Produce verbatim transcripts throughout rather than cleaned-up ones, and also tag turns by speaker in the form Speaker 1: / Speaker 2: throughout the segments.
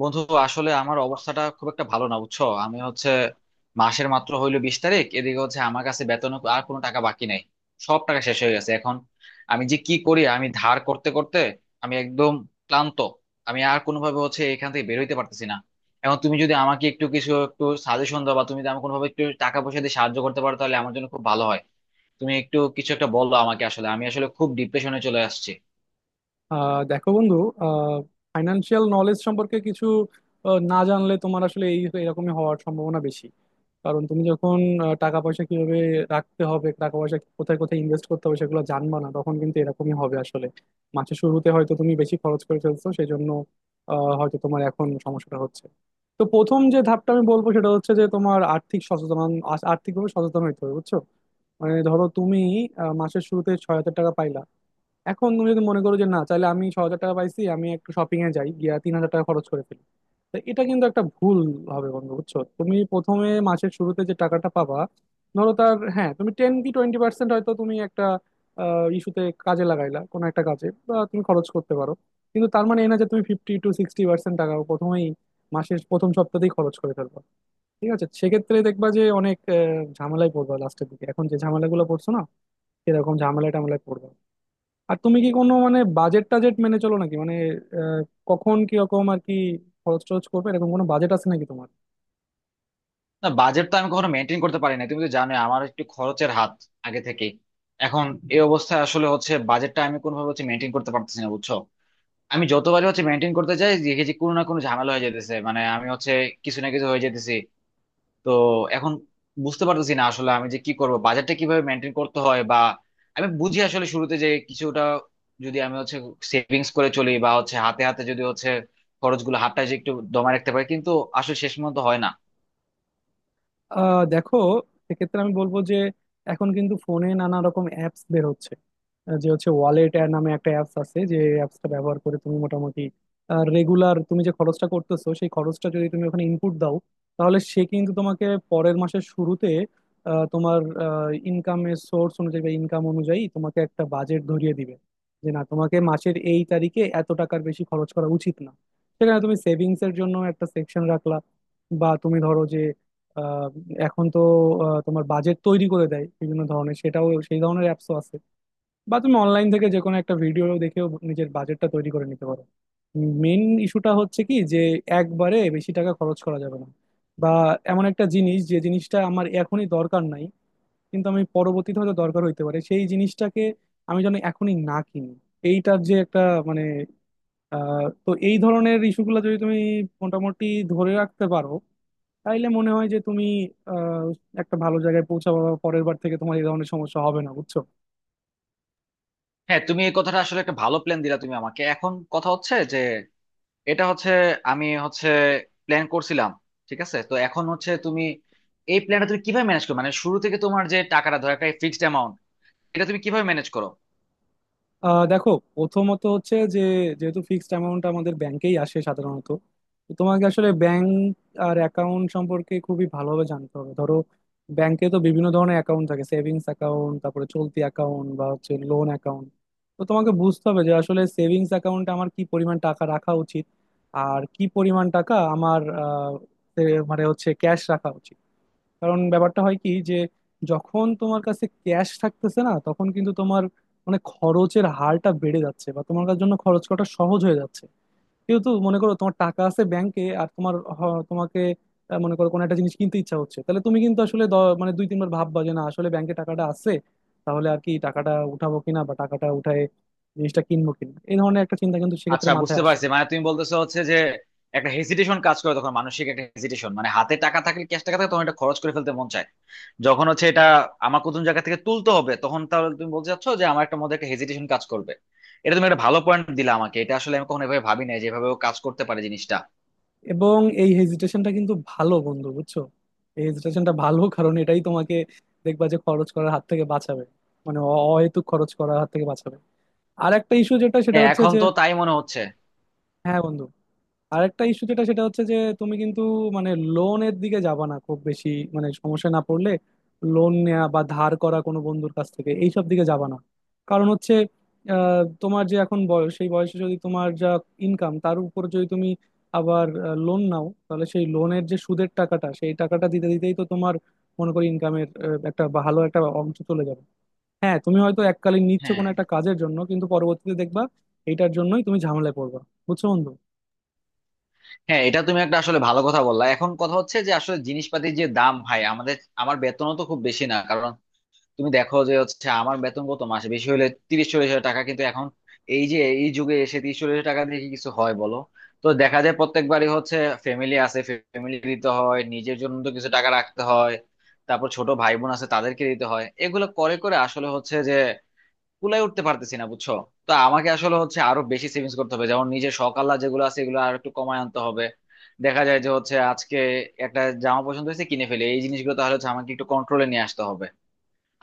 Speaker 1: বন্ধু, আসলে আমার অবস্থাটা খুব একটা ভালো না, বুঝছো। আমি হচ্ছে মাসের মাত্র হইলো বিশ তারিখ, এদিকে হচ্ছে আমার কাছে বেতন আর কোনো টাকা বাকি নাই। সব টাকা শেষ হয়ে গেছে এখন। আমি যে কি করি, আমি ধার করতে করতে আমি একদম ক্লান্ত। আমি আর কোনোভাবে হচ্ছে এখান থেকে বের হইতে পারতেছি না। এখন তুমি যদি আমাকে একটু কিছু একটু সাজেশন দাও, বা তুমি যদি আমাকে কোনোভাবে একটু টাকা পয়সা দিয়ে সাহায্য করতে পারো, তাহলে আমার জন্য খুব ভালো হয়। তুমি একটু কিছু একটা বলো আমাকে, আসলে আমি আসলে খুব ডিপ্রেশনে চলে আসছি।
Speaker 2: আহ দেখো বন্ধু, ফাইন্যান্সিয়াল নলেজ সম্পর্কে কিছু আহ, না জানলে তোমার আসলে এই এরকমই হওয়ার সম্ভাবনা বেশি। কারণ তুমি যখন আহ, টাকা পয়সা কিভাবে রাখতে হবে, টাকা পয়সা কোথায় কোথায় ইনভেস্ট করতে হবে সেগুলো জানবা না, তখন কিন্তু এরকমই হবে আসলে। মাসের শুরুতে হয়তো তুমি বেশি খরচ করে ফেলছো সেই জন্য আহ, হয়তো তোমার এখন সমস্যাটা হচ্ছে। তো প্রথম যে ধাপটা আমি বলবো সেটা হচ্ছে যে তোমার আর্থিক সচেতন, আর্থিকভাবে সচেতন হইতে হবে, বুঝছো? মানে ধরো তুমি আহ, মাসের শুরুতে ছয় হাজার টাকা পাইলা। এখন তুমি যদি মনে করো যে না, তাহলে আমি ছ হাজার টাকা পাইছি, আমি একটু শপিং এ যাই গিয়া তিন হাজার টাকা খরচ করে ফেলি, তো এটা কিন্তু একটা ভুল হবে বন্ধু, বুঝছো? তুমি প্রথমে মাসের শুরুতে যে টাকাটা পাবা, ধরো তার, হ্যাঁ, তুমি টেন কি টোয়েন্টি পার্সেন্ট হয়তো তুমি একটা ইস্যুতে কাজে লাগাইলা কোনো একটা কাজে, বা তুমি খরচ করতে পারো। কিন্তু তার মানে এই না যে তুমি ফিফটি টু সিক্সটি পার্সেন্ট টাকা প্রথমেই মাসের প্রথম সপ্তাহতেই খরচ করে ফেলবা। ঠিক আছে, সেক্ষেত্রে দেখবা যে অনেক আহ, ঝামেলায় পড়বা লাস্টের দিকে, এখন যে ঝামেলাগুলো পড়ছো না সেরকম ঝামেলা টামেলায় পড়বা। আর তুমি কি কোনো মানে বাজেট টাজেট মেনে চলো নাকি, মানে আহ, কখন কিরকম আর কি খরচ টরচ করবে এরকম কোনো বাজেট আছে নাকি তোমার?
Speaker 1: না, বাজেট তো আমি কখনো মেনটেন করতে পারি না, তুমি তো জানোই আমার একটু খরচের হাত আগে থেকে। এখন এই অবস্থায় আসলে হচ্ছে বাজেটটা আমি কোনোভাবে হচ্ছে মেনটেন করতে পারতেছি না, বুঝছো। আমি যতবারই হচ্ছে মেনটেন করতে চাই, দেখি যে কোনো না কোনো ঝামেলা হয়ে যেতেছে, মানে আমি হচ্ছে কিছু না কিছু হয়ে যেতেছি। তো এখন বুঝতে পারতেছি না আসলে আমি যে কি করব, বাজেটটা কিভাবে মেনটেন করতে হয়, বা আমি বুঝি আসলে শুরুতে যে কিছুটা যদি আমি হচ্ছে সেভিংস করে চলি, বা হচ্ছে হাতে হাতে যদি হচ্ছে খরচগুলো হাতটা যে একটু দমায় রাখতে পারি, কিন্তু আসলে শেষ পর্যন্ত হয় না।
Speaker 2: আহ দেখো, সেক্ষেত্রে আমি বলবো যে এখন কিন্তু ফোনে নানা রকম অ্যাপস বের হচ্ছে। যে হচ্ছে ওয়ালেট নামে একটা অ্যাপস আছে, যে অ্যাপসটা ব্যবহার করে তুমি মোটামুটি রেগুলার তুমি যে খরচটা করতেছো সেই খরচটা যদি তুমি ওখানে ইনপুট দাও, তাহলে সে কিন্তু তোমাকে পরের মাসের শুরুতে আহ, তোমার ইনকামের সোর্স অনুযায়ী বা ইনকাম অনুযায়ী তোমাকে একটা বাজেট ধরিয়ে দিবে যে না, তোমাকে মাসের এই তারিখে এত টাকার বেশি খরচ করা উচিত না। সেখানে তুমি সেভিংস এর জন্য একটা সেকশন রাখলা, বা তুমি ধরো যে আহ, এখন তো আহ, তোমার বাজেট তৈরি করে দেয় বিভিন্ন ধরনের, সেটাও সেই ধরনের অ্যাপসও আছে। বা তুমি অনলাইন থেকে যে কোনো একটা ভিডিও দেখেও নিজের বাজেটটা তৈরি করে নিতে পারো। মেন ইস্যুটা হচ্ছে কি যে একবারে বেশি টাকা খরচ করা যাবে না, বা এমন একটা জিনিস যে জিনিসটা আমার এখনই দরকার নাই, কিন্তু আমি পরবর্তীতে হয়তো দরকার হইতে পারে সেই জিনিসটাকে আমি যেন এখনই না কিনি, এইটার যে একটা মানে আহ তো এই ধরনের ইস্যুগুলো যদি তুমি মোটামুটি ধরে রাখতে পারো, তাইলে মনে হয় যে তুমি আহ একটা ভালো জায়গায় পৌঁছাবো, বা পরের বার থেকে তোমার এই ধরনের সমস্যা হবে না, বুঝছো?
Speaker 1: হ্যাঁ, তুমি এই কথাটা আসলে একটা ভালো প্ল্যান দিলা তুমি আমাকে। এখন কথা হচ্ছে যে এটা হচ্ছে আমি হচ্ছে প্ল্যান করছিলাম। ঠিক আছে, তো এখন হচ্ছে তুমি এই প্ল্যানটা তুমি কিভাবে ম্যানেজ করো, মানে শুরু থেকে তোমার যে টাকাটা, ধরো একটা ফিক্সড অ্যামাউন্ট, এটা তুমি কিভাবে ম্যানেজ করো?
Speaker 2: আহ দেখো, প্রথমত হচ্ছে যে যেহেতু ফিক্সড অ্যামাউন্ট আমাদের ব্যাংকেই আসে সাধারণত, তো তোমাকে আসলে ব্যাংক আর অ্যাকাউন্ট সম্পর্কে খুবই ভালোভাবে জানতে হবে। ধরো, ব্যাংকে তো বিভিন্ন ধরনের অ্যাকাউন্ট থাকে, সেভিংস অ্যাকাউন্ট, তারপরে চলতি অ্যাকাউন্ট, বা হচ্ছে লোন অ্যাকাউন্ট। তো তোমাকে বুঝতে হবে যে আসলে সেভিংস অ্যাকাউন্টে আমার কি পরিমাণ টাকা রাখা উচিত, আর কি পরিমাণ টাকা আমার আহ, এ- মানে হচ্ছে ক্যাশ রাখা উচিত। কারণ ব্যাপারটা হয় কি যে যখন তোমার কাছে ক্যাশ থাকতেছে না, তখন কিন্তু তোমার মানে খরচের হারটা বেড়ে যাচ্ছে, বা তোমার কাছে জন্য খরচ করাটা সহজ হয়ে যাচ্ছে। যেহেতু মনে করো তোমার টাকা আছে ব্যাংকে, আর তোমার হ- তোমাকে আহ, মনে করো কোনো একটা জিনিস কিনতে ইচ্ছা হচ্ছে, তাহলে তুমি কিন্তু আসলে দ- মানে দুই তিনবার ভাববা যে না আসলে ব্যাংকে টাকাটা আছে, তাহলে আর কি টাকাটা উঠাবো কিনা, বা টাকাটা উঠায় জিনিসটা কিনবো কিনা, এই ধরনের একটা চিন্তা কিন্তু সেক্ষেত্রে
Speaker 1: আচ্ছা,
Speaker 2: মাথায়
Speaker 1: বুঝতে
Speaker 2: আসে।
Speaker 1: পারছি, মানে তুমি বলতেছো হচ্ছে যে একটা হেজিটেশন কাজ করে তখন, মানসিক একটা হেজিটেশন, মানে হাতে টাকা থাকলে, ক্যাশ টাকা থাকলে তখন এটা খরচ করে ফেলতে মন চায়। যখন হচ্ছে এটা আমার কোন জায়গা থেকে তুলতে হবে তখন, তাহলে তুমি বলতে চাচ্ছ যে আমার একটা মধ্যে একটা হেজিটেশন কাজ করবে। এটা তুমি একটা ভালো পয়েন্ট দিলা আমাকে, এটা আসলে আমি কখনো এভাবে ভাবি নাই যেভাবে ও কাজ করতে পারে জিনিসটা।
Speaker 2: এবং এই হেজিটেশনটা কিন্তু ভালো বন্ধু, বুঝছো? এই হেজিটেশনটা ভালো, কারণ এটাই তোমাকে দেখবা যে খরচ করার হাত থেকে বাঁচাবে, মানে অ- অহেতুক খরচ করার হাত থেকে বাঁচাবে। আর একটা ইস্যু যেটা সেটা
Speaker 1: হ্যাঁ,
Speaker 2: হচ্ছে
Speaker 1: এখন
Speaker 2: যে
Speaker 1: তো তাই মনে হচ্ছে।
Speaker 2: হ্যাঁ বন্ধু, আরেকটা ইস্যু যেটা সেটা হচ্ছে যে তুমি কিন্তু মানে লোনের দিকে যাবা না খুব বেশি, মানে সমস্যা না পড়লে লোন নেওয়া বা ধার করা কোনো বন্ধুর কাছ থেকে এইসব দিকে যাবা না। কারণ হচ্ছে আহ, তোমার যে এখন বয়স, সেই বয়সে যদি তোমার যা ইনকাম, তার উপর যদি তুমি আবার লোন নাও, তাহলে সেই লোনের যে সুদের টাকাটা, সেই টাকাটা দিতে দিতেই তো তোমার মনে করি ইনকামের একটা ভালো একটা অংশ চলে যাবে। হ্যাঁ তুমি হয়তো এককালীন নিচ্ছ
Speaker 1: হ্যাঁ
Speaker 2: কোনো একটা কাজের জন্য, কিন্তু পরবর্তীতে দেখবা এইটার জন্যই তুমি ঝামেলায় পড়বা, বুঝছো বন্ধু?
Speaker 1: হ্যাঁ এটা তুমি একটা আসলে ভালো কথা বললা। এখন কথা হচ্ছে যে আসলে জিনিসপাতির যে দাম ভাই আমাদের, আমার বেতনও তো খুব বেশি না, কারণ তুমি দেখো যে হচ্ছে আমার বেতন কত মাসে? বেশি হলে তিরিশ চল্লিশ হাজার টাকা। কিন্তু এখন এই যে এই যুগে এসে তিরিশ চল্লিশ হাজার টাকা দিয়ে কি কিছু হয় বলো? তো দেখা যায় প্রত্যেকবারই হচ্ছে ফ্যামিলি আছে, ফ্যামিলি দিতে হয়, নিজের জন্য তো কিছু টাকা রাখতে হয়, তারপর ছোট ভাই বোন আছে তাদেরকে দিতে হয়, এগুলো করে করে আসলে হচ্ছে যে কুলায় উঠতে পারতেছি না, বুঝছো। তো আমাকে আসলে হচ্ছে আরো বেশি সেভিংস করতে হবে, যেমন নিজের শখ আহ্লাদ যেগুলো আছে এগুলো আর একটু কমায় আনতে হবে। দেখা যায় যে হচ্ছে আজকে একটা জামা পছন্দ হয়েছে কিনে ফেলে, এই জিনিসগুলো তাহলে হচ্ছে আমাকে একটু কন্ট্রোলে নিয়ে আসতে হবে।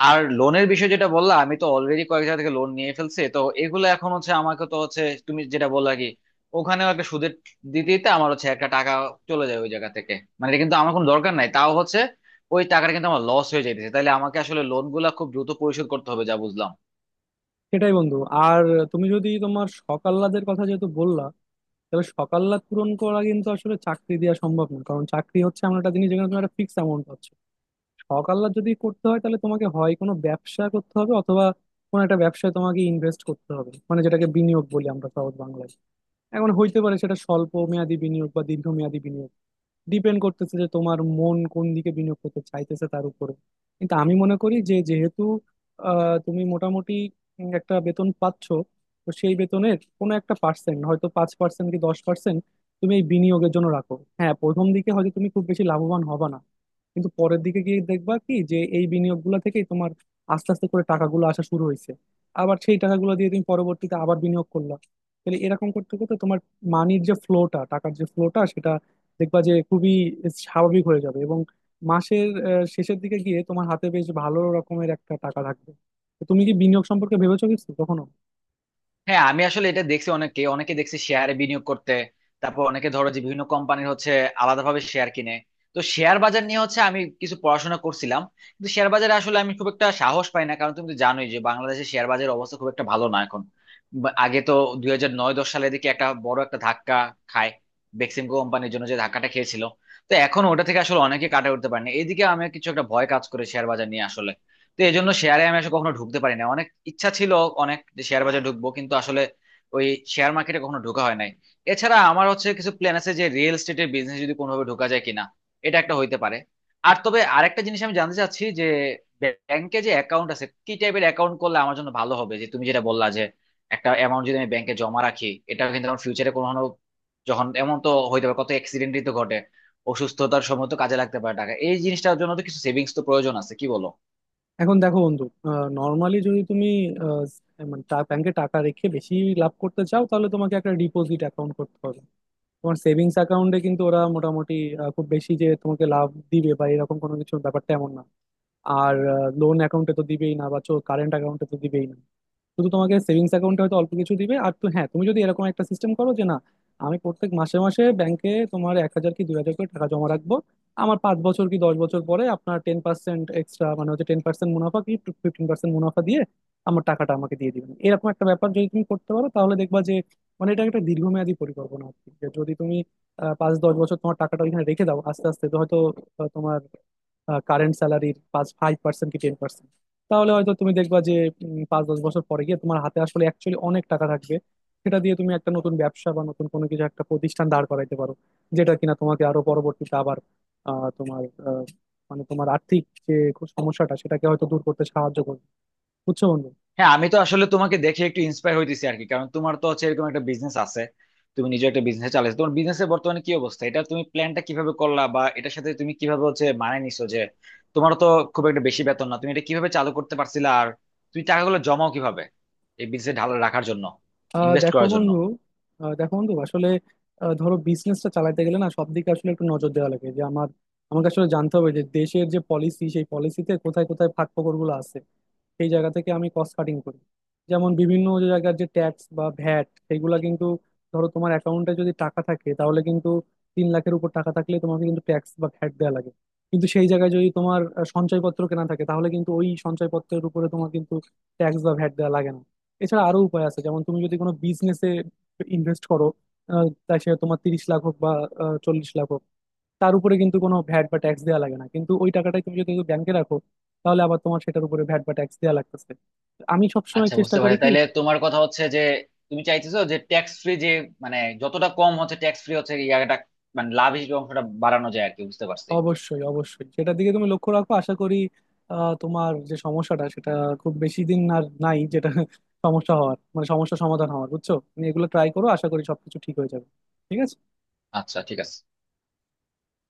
Speaker 1: আর লোনের বিষয় যেটা বললা, আমি তো অলরেডি কয়েক জায়গা থেকে লোন নিয়ে ফেলছি, তো এগুলো এখন হচ্ছে আমাকে তো হচ্ছে তুমি যেটা বললা কি, ওখানেও একটা সুদের দিতে দিতে আমার হচ্ছে একটা টাকা চলে যায় ওই জায়গা থেকে। মানে এটা কিন্তু আমার কোনো দরকার নাই, তাও হচ্ছে ওই টাকাটা কিন্তু আমার লস হয়ে যাইতেছে। তাহলে আমাকে আসলে লোন গুলা খুব দ্রুত পরিশোধ করতে হবে, যা বুঝলাম।
Speaker 2: সেটাই বন্ধু। আর তুমি যদি তোমার সকাল্লাদের কথা যেহেতু বললা, তাহলে সকাল্লাদ পূরণ করা কিন্তু আসলে চাকরি দেওয়া সম্ভব না, কারণ চাকরি হচ্ছে এমন একটা জিনিস যেখানে তোমার একটা ফিক্স অ্যামাউন্ট পাচ্ছ। সকাল্লাদ যদি করতে হয় তাহলে তোমাকে হয় কোনো ব্যবসা করতে হবে অথবা কোনো একটা ব্যবসায় তোমাকে ইনভেস্ট করতে হবে, মানে যেটাকে বিনিয়োগ বলি আমরা সহজ বাংলায়। এখন হইতে পারে সেটা স্বল্প মেয়াদি বিনিয়োগ বা দীর্ঘমেয়াদী বিনিয়োগ। ডিপেন্ড করতেছে যে তোমার মন কোন দিকে বিনিয়োগ করতে চাইতেছে তার উপরে। কিন্তু আমি মনে করি যে যেহেতু আহ, তুমি মোটামুটি উম, একটা বেতন পাচ্ছ, তো সেই বেতনের কোনো একটা পার্সেন্ট হয়তো পাঁচ পার্সেন্ট কি দশ পার্সেন্ট তুমি এই বিনিয়োগের জন্য রাখো। হ্যাঁ প্রথম দিকে হয়তো তুমি খুব বেশি লাভবান হবা না, কিন্তু পরের দিকে গিয়ে দেখবা কি যে এই বিনিয়োগগুলো থেকেই তোমার আস্তে আস্তে করে টাকাগুলো আসা শুরু হয়েছে। আবার সেই টাকাগুলো দিয়ে তুমি পরবর্তীতে আবার বিনিয়োগ করলা, তাহলে এরকম করতে করতে তোমার মানির যে ফ্লোটা, টাকার যে ফ্লোটা, সেটা দেখবা যে খুবই স্বাভাবিক হয়ে যাবে, এবং মাসের আহ, শেষের দিকে গিয়ে তোমার হাতে বেশ ভালো রকমের একটা টাকা থাকবে। তো তুমি কি বিনিয়োগ সম্পর্কে ভেবেছো কিছু কখনো?
Speaker 1: হ্যাঁ, আমি আসলে এটা দেখছি অনেকে অনেকে দেখছি শেয়ারে বিনিয়োগ করতে, তারপর অনেকে ধরো যে বিভিন্ন কোম্পানির হচ্ছে আলাদাভাবে শেয়ার কিনে। তো শেয়ার বাজার নিয়ে হচ্ছে আমি কিছু পড়াশোনা করছিলাম, কিন্তু শেয়ার বাজারে আসলে আমি খুব একটা সাহস পাই না, কারণ তুমি তো জানোই যে বাংলাদেশের শেয়ার বাজারের অবস্থা খুব একটা ভালো না এখন। বা- আগে তো দুই হাজার নয় দশ সালের দিকে একটা বড় একটা ধাক্কা খায়, বেক্সিমকো কোম্পানির জন্য যে ধাক্কাটা খেয়েছিল। তো এখন ওটা থেকে আসলে অনেকে কাটা উঠতে পারেনি, এইদিকে আমি কিছু একটা ভয় কাজ করে শেয়ার বাজার নিয়ে আসলে। তো এই জন্য শেয়ারে আমি আসলে কখনো ঢুকতে পারি না, অনেক ইচ্ছা ছিল অনেক যে শেয়ার বাজারে ঢুকবো, কিন্তু আসলে ওই শেয়ার মার্কেটে কখনো ঢোকা হয় নাই। এছাড়া আমার হচ্ছে কিছু প্ল্যান আছে যে রিয়েল এস্টেটের বিজনেস যদি কোনোভাবে ঢোকা যায় কিনা, এটা একটা হইতে পারে। আর তবে আরেকটা জিনিস আমি জানতে চাচ্ছি যে ব্যাংকে যে অ্যাকাউন্ট আছে কি টাইপের অ্যাকাউন্ট করলে আমার জন্য ভালো হবে, যে তুমি যেটা বললা যে একটা অ্যামাউন্ট যদি আমি ব্যাংকে জমা রাখি এটা কিন্তু আমার ফিউচারে কোনো, যখন এমন তো হইতে পারে, কত অ্যাক্সিডেন্টই তো ঘটে, অসুস্থতার সময় তো কাজে লাগতে পারে টাকা, এই জিনিসটার জন্য তো কিছু সেভিংস তো প্রয়োজন আছে, কি বলো?
Speaker 2: এখন দেখো বন্ধু, নর্মালি যদি তুমি আহ, মানে ব্যাংকে টাকা রেখে বেশি লাভ করতে চাও, তাহলে তোমাকে একটা ডিপোজিট অ্যাকাউন্ট করতে হবে। তোমার সেভিংস অ্যাকাউন্টে কিন্তু ওরা মোটামুটি আহ, খুব বেশি যে তোমাকে লাভ দিবে বা এরকম কোনো কিছুর ব্যাপারটা এমন না। আর লোন অ্যাকাউন্টে তো দিবেই না, বা কারেন্ট অ্যাকাউন্টে তো দিবেই না, শুধু তোমাকে সেভিংস অ্যাকাউন্টে হয়তো অল্প কিছু দিবে। আর তো হ্যাঁ তুমি যদি এরকম একটা সিস্টেম করো যে না, আমি প্রত্যেক মাসে মাসে ব্যাংকে তোমার এক হাজার কি দুই হাজার করে টাকা জমা রাখবো, আমার পাঁচ বছর কি দশ বছর পরে আপনার টেন পার্সেন্ট এক্সট্রা, মানে হচ্ছে টেন পার্সেন্ট মুনাফা কি ফিফটিন পার্সেন্ট মুনাফা দিয়ে আমার টাকাটা আমাকে দিয়ে দিবেন, এরকম একটা ব্যাপার যদি তুমি করতে পারো তাহলে দেখবা যে মানে এটা একটা দীর্ঘমেয়াদী পরিকল্পনা আর কি, যে যদি তুমি আহ, পাঁচ দশ বছর তোমার টাকাটা ওইখানে রেখে দাও, আস্তে আস্তে তো হয়তো আহ, তোমার কারেন্ট স্যালারির পাঁচ ফাইভ পার্সেন্ট কি টেন পার্সেন্ট, তাহলে হয়তো তুমি দেখবা যে উম, পাঁচ দশ বছর পরে গিয়ে তোমার হাতে আসলে অ্যাকচুয়ালি অনেক টাকা থাকবে। সেটা দিয়ে তুমি একটা নতুন ব্যবসা বা নতুন কোনো কিছু একটা প্রতিষ্ঠান দাঁড় করাইতে পারো, যেটা কিনা তোমাকে আরো পরবর্তীতে আবার আহ, তোমার আহ, মানে তোমার আর্থিক যে সমস্যাটা, সেটাকে হয়তো দূর করতে সাহায্য করবে, বুঝছো বন্ধু?
Speaker 1: হ্যাঁ, আমি তো আসলে তোমাকে দেখে একটু ইন্সপায়ার হইতেছি আর কি, কারণ তোমার তো হচ্ছে এরকম একটা বিজনেস আছে, তুমি নিজে একটা বিজনেস চালাইছো। তোমার বিজনেসের বর্তমানে কি অবস্থা, এটা তুমি প্ল্যানটা কিভাবে করলা, বা এটার সাথে তুমি কিভাবে হচ্ছে মানায় নিছো, যে তোমার তো খুব একটা বেশি বেতন না, তুমি এটা কিভাবে চালু করতে পারছিলা? আর তুমি টাকাগুলো জমাও কিভাবে এই বিজনেসে ঢাল রাখার জন্য,
Speaker 2: আহ
Speaker 1: ইনভেস্ট
Speaker 2: দেখো
Speaker 1: করার জন্য?
Speaker 2: বন্ধু আহ দেখো বন্ধু আসলে আহ ধরো বিজনেসটা চালাতে গেলে না, সব দিকে আসলে একটু নজর দেওয়া লাগে যে আমার, আমাকে আসলে জানতে হবে যে দেশের যে পলিসি, সেই পলিসিতে কোথায় কোথায় ফাঁক ফোকরগুলো আছে, সেই জায়গা থেকে আমি কস্ট কাটিং করি। যেমন বিভিন্ন যে জায়গার যে ট্যাক্স বা ভ্যাট, সেগুলা কিন্তু ধরো তোমার অ্যাকাউন্টে যদি টাকা থাকে, তাহলে কিন্তু তিন লাখের উপর টাকা থাকলে তোমাকে কিন্তু ট্যাক্স বা ভ্যাট দেওয়া লাগে। কিন্তু সেই জায়গায় যদি তোমার আহ, সঞ্চয়পত্র কেনা থাকে, তাহলে কিন্তু ওই সঞ্চয়পত্রের উপরে তোমার কিন্তু ট্যাক্স বা ভ্যাট দেওয়া লাগে না। এছাড়া আরো উপায় আছে, যেমন তুমি যদি কোনো বিজনেসে ইনভেস্ট করো, আহ, তাই সে তোমার তিরিশ লাখ হোক বা আহ, চল্লিশ লাখ হোক, তার উপরে কিন্তু কোনো ভ্যাট বা ট্যাক্স দেওয়া লাগে না। কিন্তু ওই টাকাটাই তুমি যদি ব্যাংকে রাখো, তাহলে আবার তোমার সেটার উপরে ভ্যাট বা ট্যাক্স দেওয়া লাগতেছে। আমি সবসময়
Speaker 1: আচ্ছা,
Speaker 2: চেষ্টা
Speaker 1: বুঝতে
Speaker 2: করি
Speaker 1: পারছি,
Speaker 2: কি
Speaker 1: তাহলে তোমার কথা হচ্ছে যে তুমি চাইতেছো যে ট্যাক্স ফ্রি যে, মানে যতটা কম হচ্ছে ট্যাক্স ফ্রি হচ্ছে ইয়াটা, মানে লাভ হিসেবে অংশটা বাড়ানো যায় আর কি, বুঝতে পারছি।
Speaker 2: অবশ্যই অবশ্যই সেটার দিকে তুমি লক্ষ্য রাখো, আশা করি আহ, তোমার যে সমস্যাটা, সেটা খুব বেশি দিন আর নাই, যেটা সমস্যা হওয়ার মানে সমস্যা সমাধান হওয়ার, বুঝছো? তুমি এগুলো ট্রাই করো, আশা করি সবকিছু ঠিক হয়ে যাবে। ঠিক আছে।
Speaker 1: আচ্ছা, ঠিক আছে।